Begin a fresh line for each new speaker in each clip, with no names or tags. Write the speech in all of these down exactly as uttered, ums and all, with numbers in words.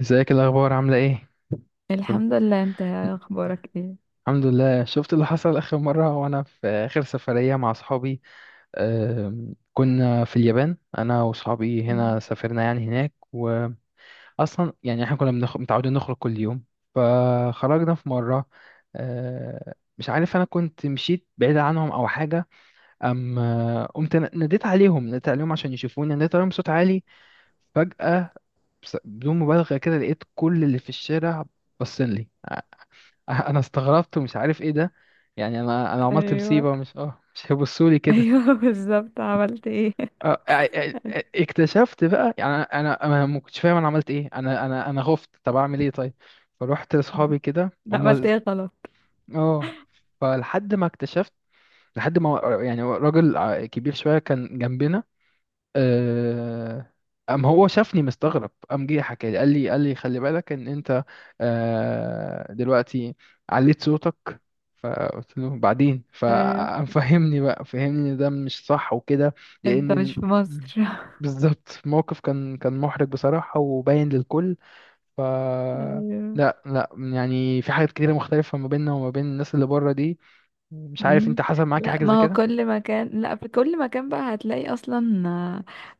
ازيك؟ الاخبار عامله ايه؟ كله.
الحمد لله. انت اخبارك ايه؟
الحمد لله. شفت اللي حصل اخر مره وانا في اخر سفريه مع اصحابي؟ آم، كنا في اليابان. انا واصحابي
مم.
هنا سافرنا يعني هناك. واصلا يعني احنا كنا بنخ... متعودين نخرج كل يوم. فخرجنا في مره. آه، مش عارف، انا كنت مشيت بعيد عنهم او حاجه. ام آه، قمت ن- ناديت عليهم ناديت عليهم عشان يشوفوني، ناديت عليهم بصوت عالي. فجاه، بس- بدون مبالغه كده لقيت كل اللي في الشارع باصين لي. انا استغربت ومش عارف ايه ده. يعني انا انا عملت
ايوه،
مصيبه؟ مش اه مش هيبصوا لي كده.
ايوه، بالظبط، عملت ايه؟
آه، آه، آه، آه، اكتشفت بقى، يعني انا انا ما كنتش فاهم انا عملت ايه. انا انا انا خفت، طب اعمل ايه طيب؟ فروحت
مم.
لاصحابي كده
لا، عملت
هم.
ايه غلط؟
اه فلحد ما اكتشفت، لحد ما يعني راجل ع- كبير شويه كان جنبنا. آه، قام هو شافني مستغرب، قام جه حكى لي، قال لي قال لي خلي بالك ان انت آه، دلوقتي عليت صوتك. فقلت له بعدين.
ايوه.
فقام فهمني بقى، فهمني ان ده مش صح وكده. لان
انت مش
ال-
في مصر؟
بالظبط الموقف كان كان محرج بصراحة وباين للكل. ف
ايوه.
لا لا، يعني في حاجات كتيرة مختلفة ما بيننا وما بين الناس اللي بره دي. مش عارف انت
مم.
حصل معاك
لا،
حاجة زي
ما هو
كده؟
كل مكان، لا في كل مكان بقى هتلاقي اصلا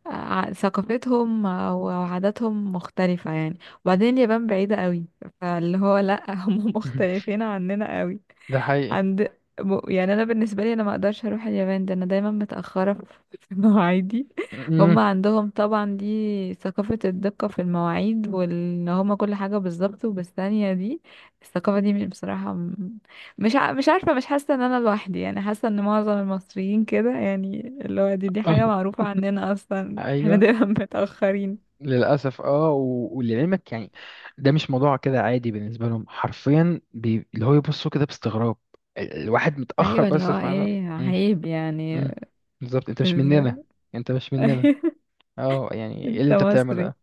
آه، آه، ثقافتهم او عاداتهم مختلفة يعني. وبعدين اليابان بعيدة قوي، فاللي هو لا، هم مختلفين عننا قوي.
ده حقيقي.
عند م- يعني انا بالنسبه لي انا ما اقدرش اروح اليابان، ده انا دايما متاخره في في مواعيدي. هم
أمم.
عندهم طبعا دي ثقافه الدقه في المواعيد، وان هم كل حاجه بالظبط وبالثانيه دي. الثقافه دي مش- بصراحه م- مش ع- مش عارفه، مش حاسه ان انا لوحدي، يعني حاسه ان معظم المصريين كده، يعني اللي هو دي دي
آه.
حاجه معروفه عندنا اصلا، احنا
ايوه،
دايما متاخرين.
للأسف. اه و- ولعلمك، يعني ده مش موضوع كده عادي بالنسبة لهم حرفيا، بي... اللي هو يبصوا كده باستغراب. ال- الواحد متأخر
ايوه، اللي
بس،
هو
في معلومة.
ايه؟
مم.
عيب يعني.
مم. بالظبط، انت مش مننا.
إز-
انت مش مننا. اه، يعني ايه اللي
انت
انت بتعمله
مصري؟
ده؟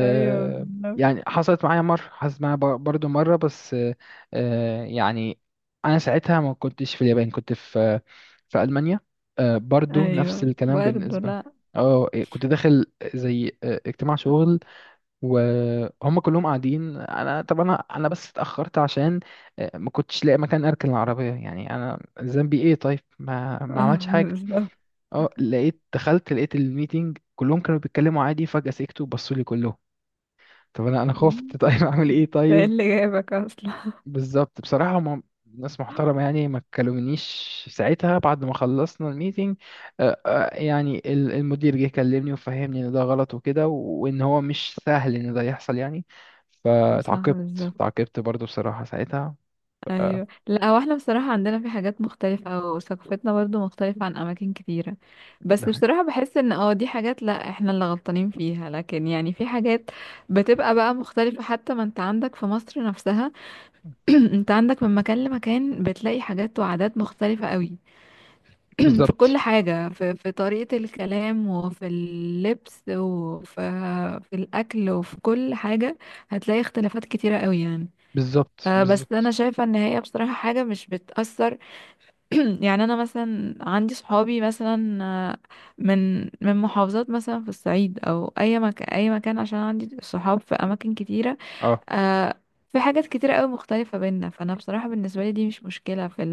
ايوه.
يعني حصلت معايا مرة، حصلت معايا بر- برضو مرة، بس آه آه، يعني أنا ساعتها ما كنتش في اليابان، كنت في في ألمانيا. آه برضو نفس
ايوه،
الكلام
برضه،
بالنسبة لهم.
لا،
اه إيه، كنت داخل زي آه، اجتماع شغل، وهم كلهم قاعدين. انا طب انا انا بس اتاخرت عشان آه، ما كنتش لاقي مكان اركن العربيه. يعني انا ذنبي ايه طيب؟ ما ما
آه،
عملتش حاجه.
بالظبط.
اه لقيت دخلت، لقيت الميتنج كلهم كانوا بيتكلموا عادي، فجاه سكتوا وبصوا لي كلهم. طب انا انا خفت، طيب اعمل ايه
ده ايه
طيب؟
اللي جايبك اصلا؟
بالظبط، بصراحة هم ناس محترمة، يعني ما كلمنيش ساعتها. بعد ما خلصنا الميتنج آه، آه، يعني ال- المدير جه كلمني وفهمني ان ده غلط وكده، وان هو مش سهل ان ده يحصل يعني.
صح،
فتعاقبت،
بالظبط.
تعاقبت برضو بصراحة ساعتها. ف- آه،
ايوه، لا هو احنا بصراحه عندنا في حاجات مختلفه، او ثقافتنا برضو مختلفه عن اماكن كتيره.
ده
بس
حاجة.
بصراحه بحس ان اه دي حاجات، لا احنا اللي غلطانين فيها، لكن يعني في حاجات بتبقى بقى مختلفه، حتى ما انت عندك في مصر نفسها. انت عندك من مكان لمكان بتلاقي حاجات وعادات مختلفه قوي. في
بالظبط
كل حاجة، في, في طريقة الكلام، وفي اللبس، وفي في الأكل وفي كل حاجة هتلاقي اختلافات كتيرة قوي يعني.
بالظبط
آه، بس أنا
بالظبط.
شايفة إن هي بصراحة حاجة مش بتأثر. يعني أنا مثلا عندي صحابي مثلا آه، من من محافظات مثلا في الصعيد، أو أي مكان، أي مكان، عشان عندي صحاب في أماكن كتيرة.
اه.
آه، في حاجات كتيرة قوي مختلفة بينا، فأنا بصراحة بالنسبة لي دي مش مشكلة في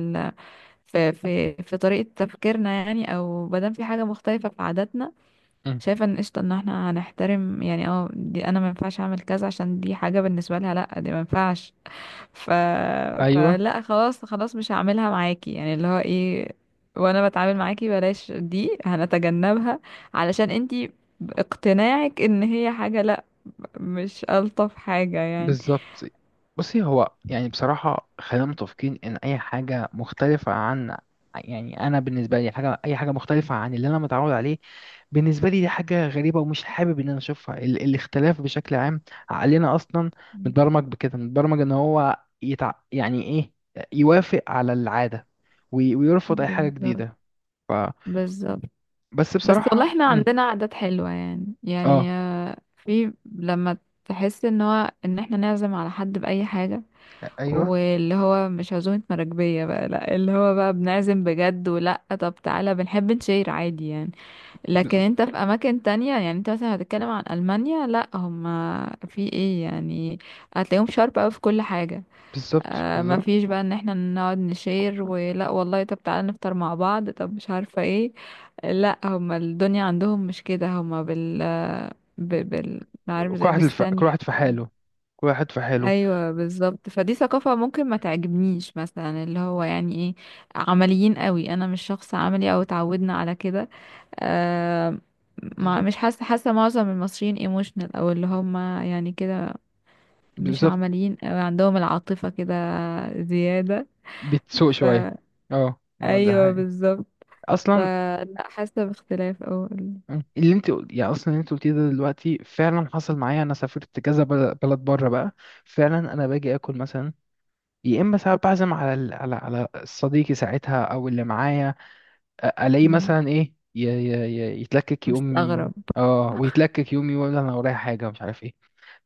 في في في طريقة تفكيرنا، يعني او مادام في حاجة مختلفة في عاداتنا،
أمم.
شايفة ان قشطة، ان احنا هنحترم يعني، اه دي انا ما ينفعش اعمل كذا، عشان دي حاجة بالنسبة لها لا، دي ما ينفعش. ف...
ايوه
فلا خلاص خلاص، مش هعملها معاكي، يعني اللي هو ايه، وانا بتعامل معاكي بلاش دي، هنتجنبها علشان انتي باقتناعك ان هي حاجة لا، مش الطف حاجة يعني.
بالظبط. بصي، هو يعني بصراحة خلينا متفقين إن أي حاجة مختلفة عن، يعني أنا بالنسبة لي، حاجة، أي حاجة مختلفة عن اللي أنا متعود عليه بالنسبة لي دي حاجة غريبة، ومش حابب إن أنا أشوفها. ال الاختلاف بشكل عام، عقلنا أصلا متبرمج بكده، متبرمج إن هو يتع... يعني إيه، يوافق على العادة، وي... ويرفض أي حاجة
بالظبط،
جديدة. ف...
بالظبط.
بس
بس
بصراحة.
والله احنا
مم.
عندنا عادات حلوة، يعني يعني
آه
في لما تحس ان هو، ان احنا نعزم على حد بأي حاجة،
أيوه
واللي هو مش عزومة مراكبية بقى، لا اللي هو بقى بنعزم بجد، ولا طب تعالى بنحب نشير عادي يعني. لكن
بالظبط
انت في اماكن تانية، يعني انت مثلا هتتكلم عن ألمانيا، لا هما في ايه يعني؟ هتلاقيهم شارب اوي في كل حاجة.
بالظبط.
آه ما
بالظبط.
فيش بقى ان احنا نقعد نشير، ولا والله طب تعالى نفطر مع بعض، طب مش عارفة ايه. لا هما الدنيا عندهم مش كده، هما بال ب- بال عارف،
كل
زي
واحد الف... كل
بالثانية،
واحد في
بكل.
حاله. كل واحد في حاله.
ايوه بالظبط، فدي ثقافة ممكن ما تعجبنيش مثلا، اللي هو يعني ايه، عمليين قوي، انا مش شخص عملي او اتعودنا على كده. آه. مع مش
بالظبط
حاسة حاسة معظم المصريين ايموشنال، او اللي هم يعني كده، مش
بالظبط.
عمليين أوي، عندهم العاطفة كده زيادة.
بتسوق
ف
شوية. اه اه، ده
ايوه
حقيقي.
بالظبط.
اصلا
فلا، حاسه باختلاف اول.
اللي انت قل- يعني اصلا اللي انت قلتيه ده دلوقتي فعلا حصل معايا. انا سافرت كذا بل- بلد بره بقى، فعلا انا باجي اكل مثلا، يا اما ساعات بعزم على ال- على على صديقي ساعتها او اللي معايا، أ- الاقيه مثلا ايه ي- ي- ي- يتلكك، يقوم
مستغرب.
اه ويتلكك، يقوم يقول انا ورايا حاجة، مش عارف ايه.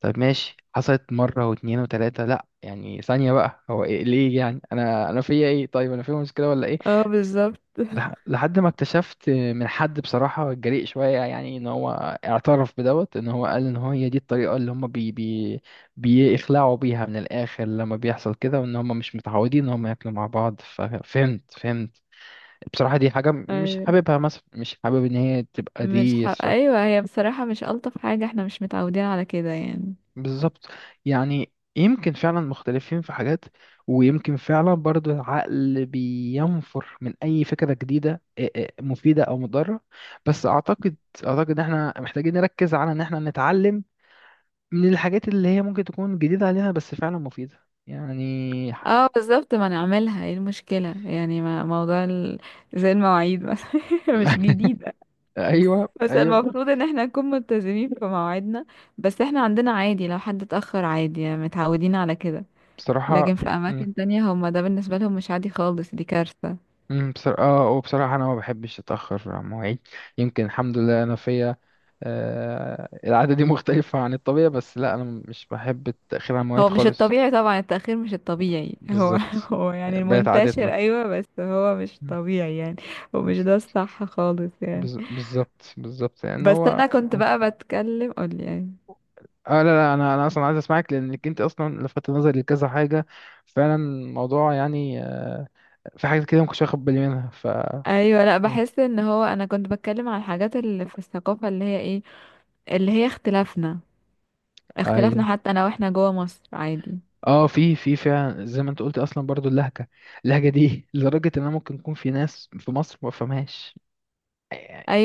طيب ماشي، حصلت مرة واتنين وتلاتة، لأ يعني ثانية بقى، هو إيه ليه؟ يعني أنا أنا فيا إيه طيب؟ أنا فيا مشكلة ولا إيه؟
اه بالظبط.
لح- لحد ما اكتشفت من حد بصراحة جريء شوية، يعني ان هو اعترف بدوت ان هو قال ان هو هي دي الطريقة اللي هم بي بي بيخلعوا بيها من الاخر لما بيحصل كده، وان هم مش متعودين ان هم ياكلوا مع بعض. ففهمت فهمت بصراحة. دي حاجة مش
ايوه،
حاببها، مثلا مش حابب ان هي تبقى
مش ح...
دي.
ايوه، هي بصراحه مش الطف حاجه، احنا مش متعودين على كده يعني.
بالظبط. يعني يمكن فعلا مختلفين في حاجات، ويمكن فعلا برضو العقل بينفر من أي فكرة جديدة، إيه إيه، مفيدة أو مضرة. بس أعتقد أعتقد إن إحنا محتاجين نركز على إن إحنا نتعلم من الحاجات اللي هي ممكن تكون جديدة علينا بس فعلا مفيدة يعني.
اه بالظبط، ما نعملها ايه المشكله يعني، ما موضوع ال... زي المواعيد مثلا. مش جديده.
أيوه
بس
أيوه،
المفروض ان احنا نكون ملتزمين في مواعيدنا، بس احنا عندنا عادي لو حد اتاخر عادي يعني، متعودين على كده. لكن
بصراحة.
في
إمم.
اماكن تانية هما ده بالنسبه لهم مش عادي خالص، دي كارثه.
امم بصراحة. اه وبصراحة انا ما بحبش اتأخر عن مواعيد. يمكن الحمد لله انا فيا آه العادة دي، مختلفة عن الطبيعة، بس لا، انا مش بحب التأخير عن مواعيد
هو مش
خالص.
الطبيعي طبعا، التأخير مش الطبيعي هو،
بالظبط،
هو
آه،
يعني
بقت عادتنا.
المنتشر، أيوة بس هو مش
مم.
طبيعي يعني، ومش ده الصح خالص يعني.
بز- بالظبط بالظبط، لان
بس
هو
أنا كنت بقى بتكلم، قولي يعني.
اه لا لا، انا انا اصلا عايز اسمعك لانك انت اصلا لفتت نظري لكذا حاجة. فعلا الموضوع يعني آه، في حاجات كده ما كنتش واخد بالي منها. ف
أيوة، أيوة، لأ بحس إن هو أنا كنت بتكلم على الحاجات اللي في الثقافة اللي هي إيه، اللي هي اختلافنا،
ايوه.
اختلافنا حتى أنا وإحنا جوا مصر عادي.
اه في في فعلا زي ما انت قلت اصلا. برضو اللهجه اللهجه دي، لدرجه ان انا ممكن يكون في ناس في مصر ما فهمهاش.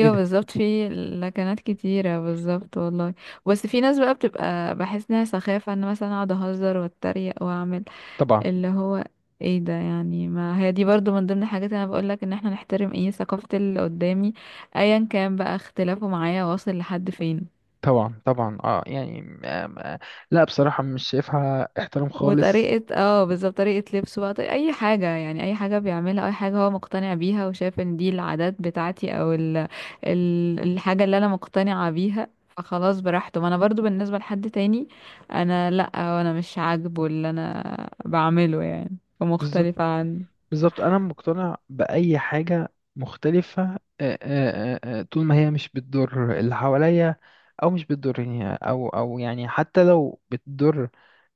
ايه ده؟
بالظبط، في لكنات كتيرة، بالظبط والله. بس في ناس بقى بتبقى بحس إنها سخافة، إن مثلا أقعد أهزر وأتريق وأعمل
طبعا
اللي هو ايه ده يعني، ما هي دي برضو من ضمن الحاجات اللي انا بقولك ان احنا نحترم ايه، ثقافة اللي قدامي، ايا كان بقى اختلافه معايا واصل لحد فين.
طبعا طبعا، اه يعني، آم، آه، لا بصراحه مش شايفها احترام خالص.
وطريقة اه بالظبط، طريقة لبسه بقى، طريقة اي حاجة، يعني اي حاجة بيعملها، اي حاجة هو مقتنع بيها، وشايف ان دي العادات بتاعتي، او ال... ال... الحاجة اللي انا مقتنعة بيها، فخلاص براحته. ما انا برضو بالنسبة لحد تاني، انا لا، انا مش عاجبه اللي انا بعمله يعني،
بالظبط
ومختلفة عنه.
بالظبط، انا مقتنع باي حاجه مختلفه آه، آه، آه، آه، طول ما هي مش بتضر اللي حواليا، او مش بتضرني، او او يعني حتى لو بتضر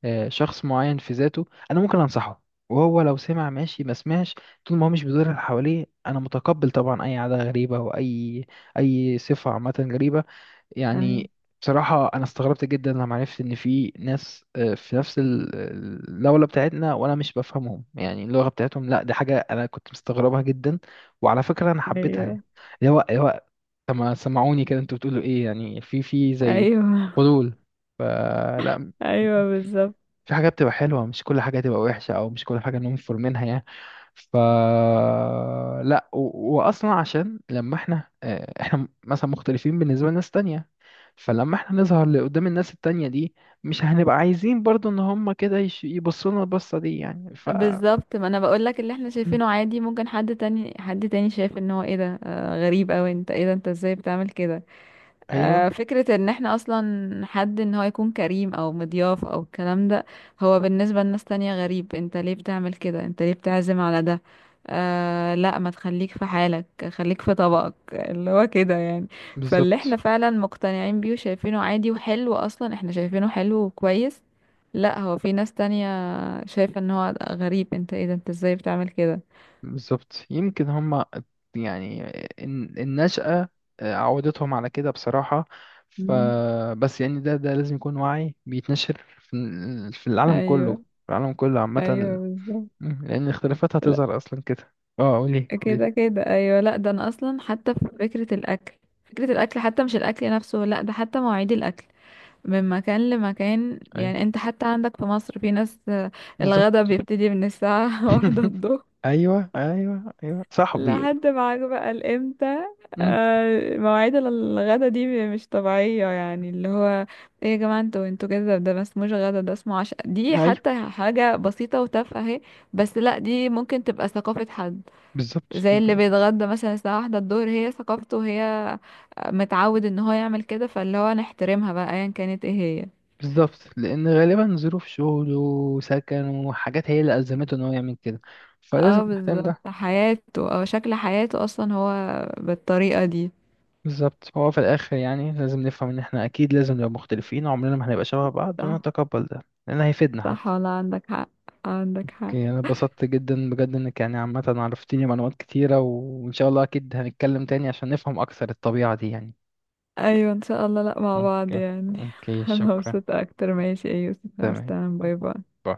آه، شخص معين في ذاته، انا ممكن انصحه، وهو لو سمع ماشي، ما سمعش. طول ما هو مش بيضر اللي حواليه، انا متقبل طبعا اي عاده غريبه، واي اي صفه عامه غريبه
أي-
يعني. بصراحة أنا استغربت جدا لما عرفت إن في ناس آه، في نفس ال- الدولة بتاعتنا وأنا مش بفهمهم يعني اللغة بتاعتهم. لا دي حاجة أنا كنت مستغربها جدا، وعلى فكرة أنا حبيتها يعني.
ايوه،
اللي هو اللي هو طب ما سمعوني كده، أنتوا بتقولوا إيه يعني؟ في في زي
ايوه،
فضول. فلا،
ايوه، بالظبط،
في حاجة بتبقى حلوة، مش كل حاجة تبقى وحشة، أو مش كل حاجة ننفر منها يعني. ف لا و... وأصلا عشان لما احنا آه، احنا مثلا مختلفين بالنسبة لناس تانية، فلما احنا نظهر لقدام الناس التانية دي، مش هنبقى عايزين برضو ان هما كده يش... يبصوا لنا البصة دي يعني. ف
بالظبط. ما انا بقول لك، اللي احنا
م.
شايفينه عادي ممكن حد تاني، حد تاني شايف ان هو ايه ده، آه غريب اوي، انت ايه ده؟ انت ازاي بتعمل كده؟
ايوه
آه، فكرة ان احنا اصلا حد ان هو يكون كريم او مضياف او الكلام ده، هو بالنسبة لناس تانية غريب، انت ليه بتعمل كده؟ انت ليه بتعزم على ده؟ آه لا ما تخليك في حالك، خليك في طبقك اللي هو كده يعني. فاللي احنا
بالظبط.
فعلا مقتنعين بيه وشايفينه عادي وحلو، اصلا احنا شايفينه حلو وكويس، لا هو في ناس تانية شايفة ان هو غريب، انت ايه ده؟ انت ازاي بتعمل كده؟
بالظبط يمكن هما يعني الن- النشأة عودتهم على كده بصراحة.
مم.
فبس يعني ده ده لازم يكون وعي بيتنشر في ال- في العالم كله
ايوه،
في العالم كله عامة.
ايوه، بالظبط.
مم، لأن الاختلافات هتظهر أصلا كده. اه، قولي قولي.
كده كده ايوه. لا ده انا اصلا حتى في فكره الاكل، فكره الاكل حتى مش الاكل نفسه، لا ده حتى مواعيد الاكل من مكان لمكان،
أيوه
يعني انت حتى عندك في مصر في ناس آه، الغدا
بالظبط.
بيبتدي من الساعه واحدة الظهر
أيوه أيوه أيوه، صاحبي.
لحد معاك بقى الامتى.
مم،
آه، مواعيد الغدا دي مش طبيعيه يعني، اللي هو ايه يا جماعه، انتوا انتوا كده، ده ما اسموش غدا، ده اسمه عشاء، دي
أيوه
حتى حاجه بسيطه وتافهه اهي. بس لا، دي ممكن تبقى ثقافه حد،
بالظبط،
زي اللي
ب-
بيتغدى مثلا الساعة واحدة الظهر، هي ثقافته وهي متعود ان هو يعمل كده، فاللي هو نحترمها بقى ايا كانت ايه هي.
بالظبط لأن غالبا ظروف شغله وسكنه وحاجات هي اللي ألزمته إن هو يعمل كده، فلازم
اه
نهتم ده.
بالظبط، حياته او شكل حياته اصلا هو بالطريقة دي.
بالظبط، هو في الآخر يعني لازم نفهم إن إحنا أكيد لازم نبقى مختلفين، عمرنا ما هنبقى شبه بعض،
صح.
ونتقبل ده لأن هيفيدنا
صح،
حتى.
ولا عندك حق. عندك حق.
أوكي، أنا اتبسطت جدا بجد، إنك يعني عامة عرفتيني معلومات كتيرة، وإن شاء الله أكيد هنتكلم تاني عشان نفهم أكثر الطبيعة دي يعني.
ايوه ان شاء الله، لا مع بعض
أوكي.
يعني،
أوكي،
انا
شكرا.
مبسوطة اكتر. ماشي، ايه يوسف،
تمام.
استنى، باي باي.
باي.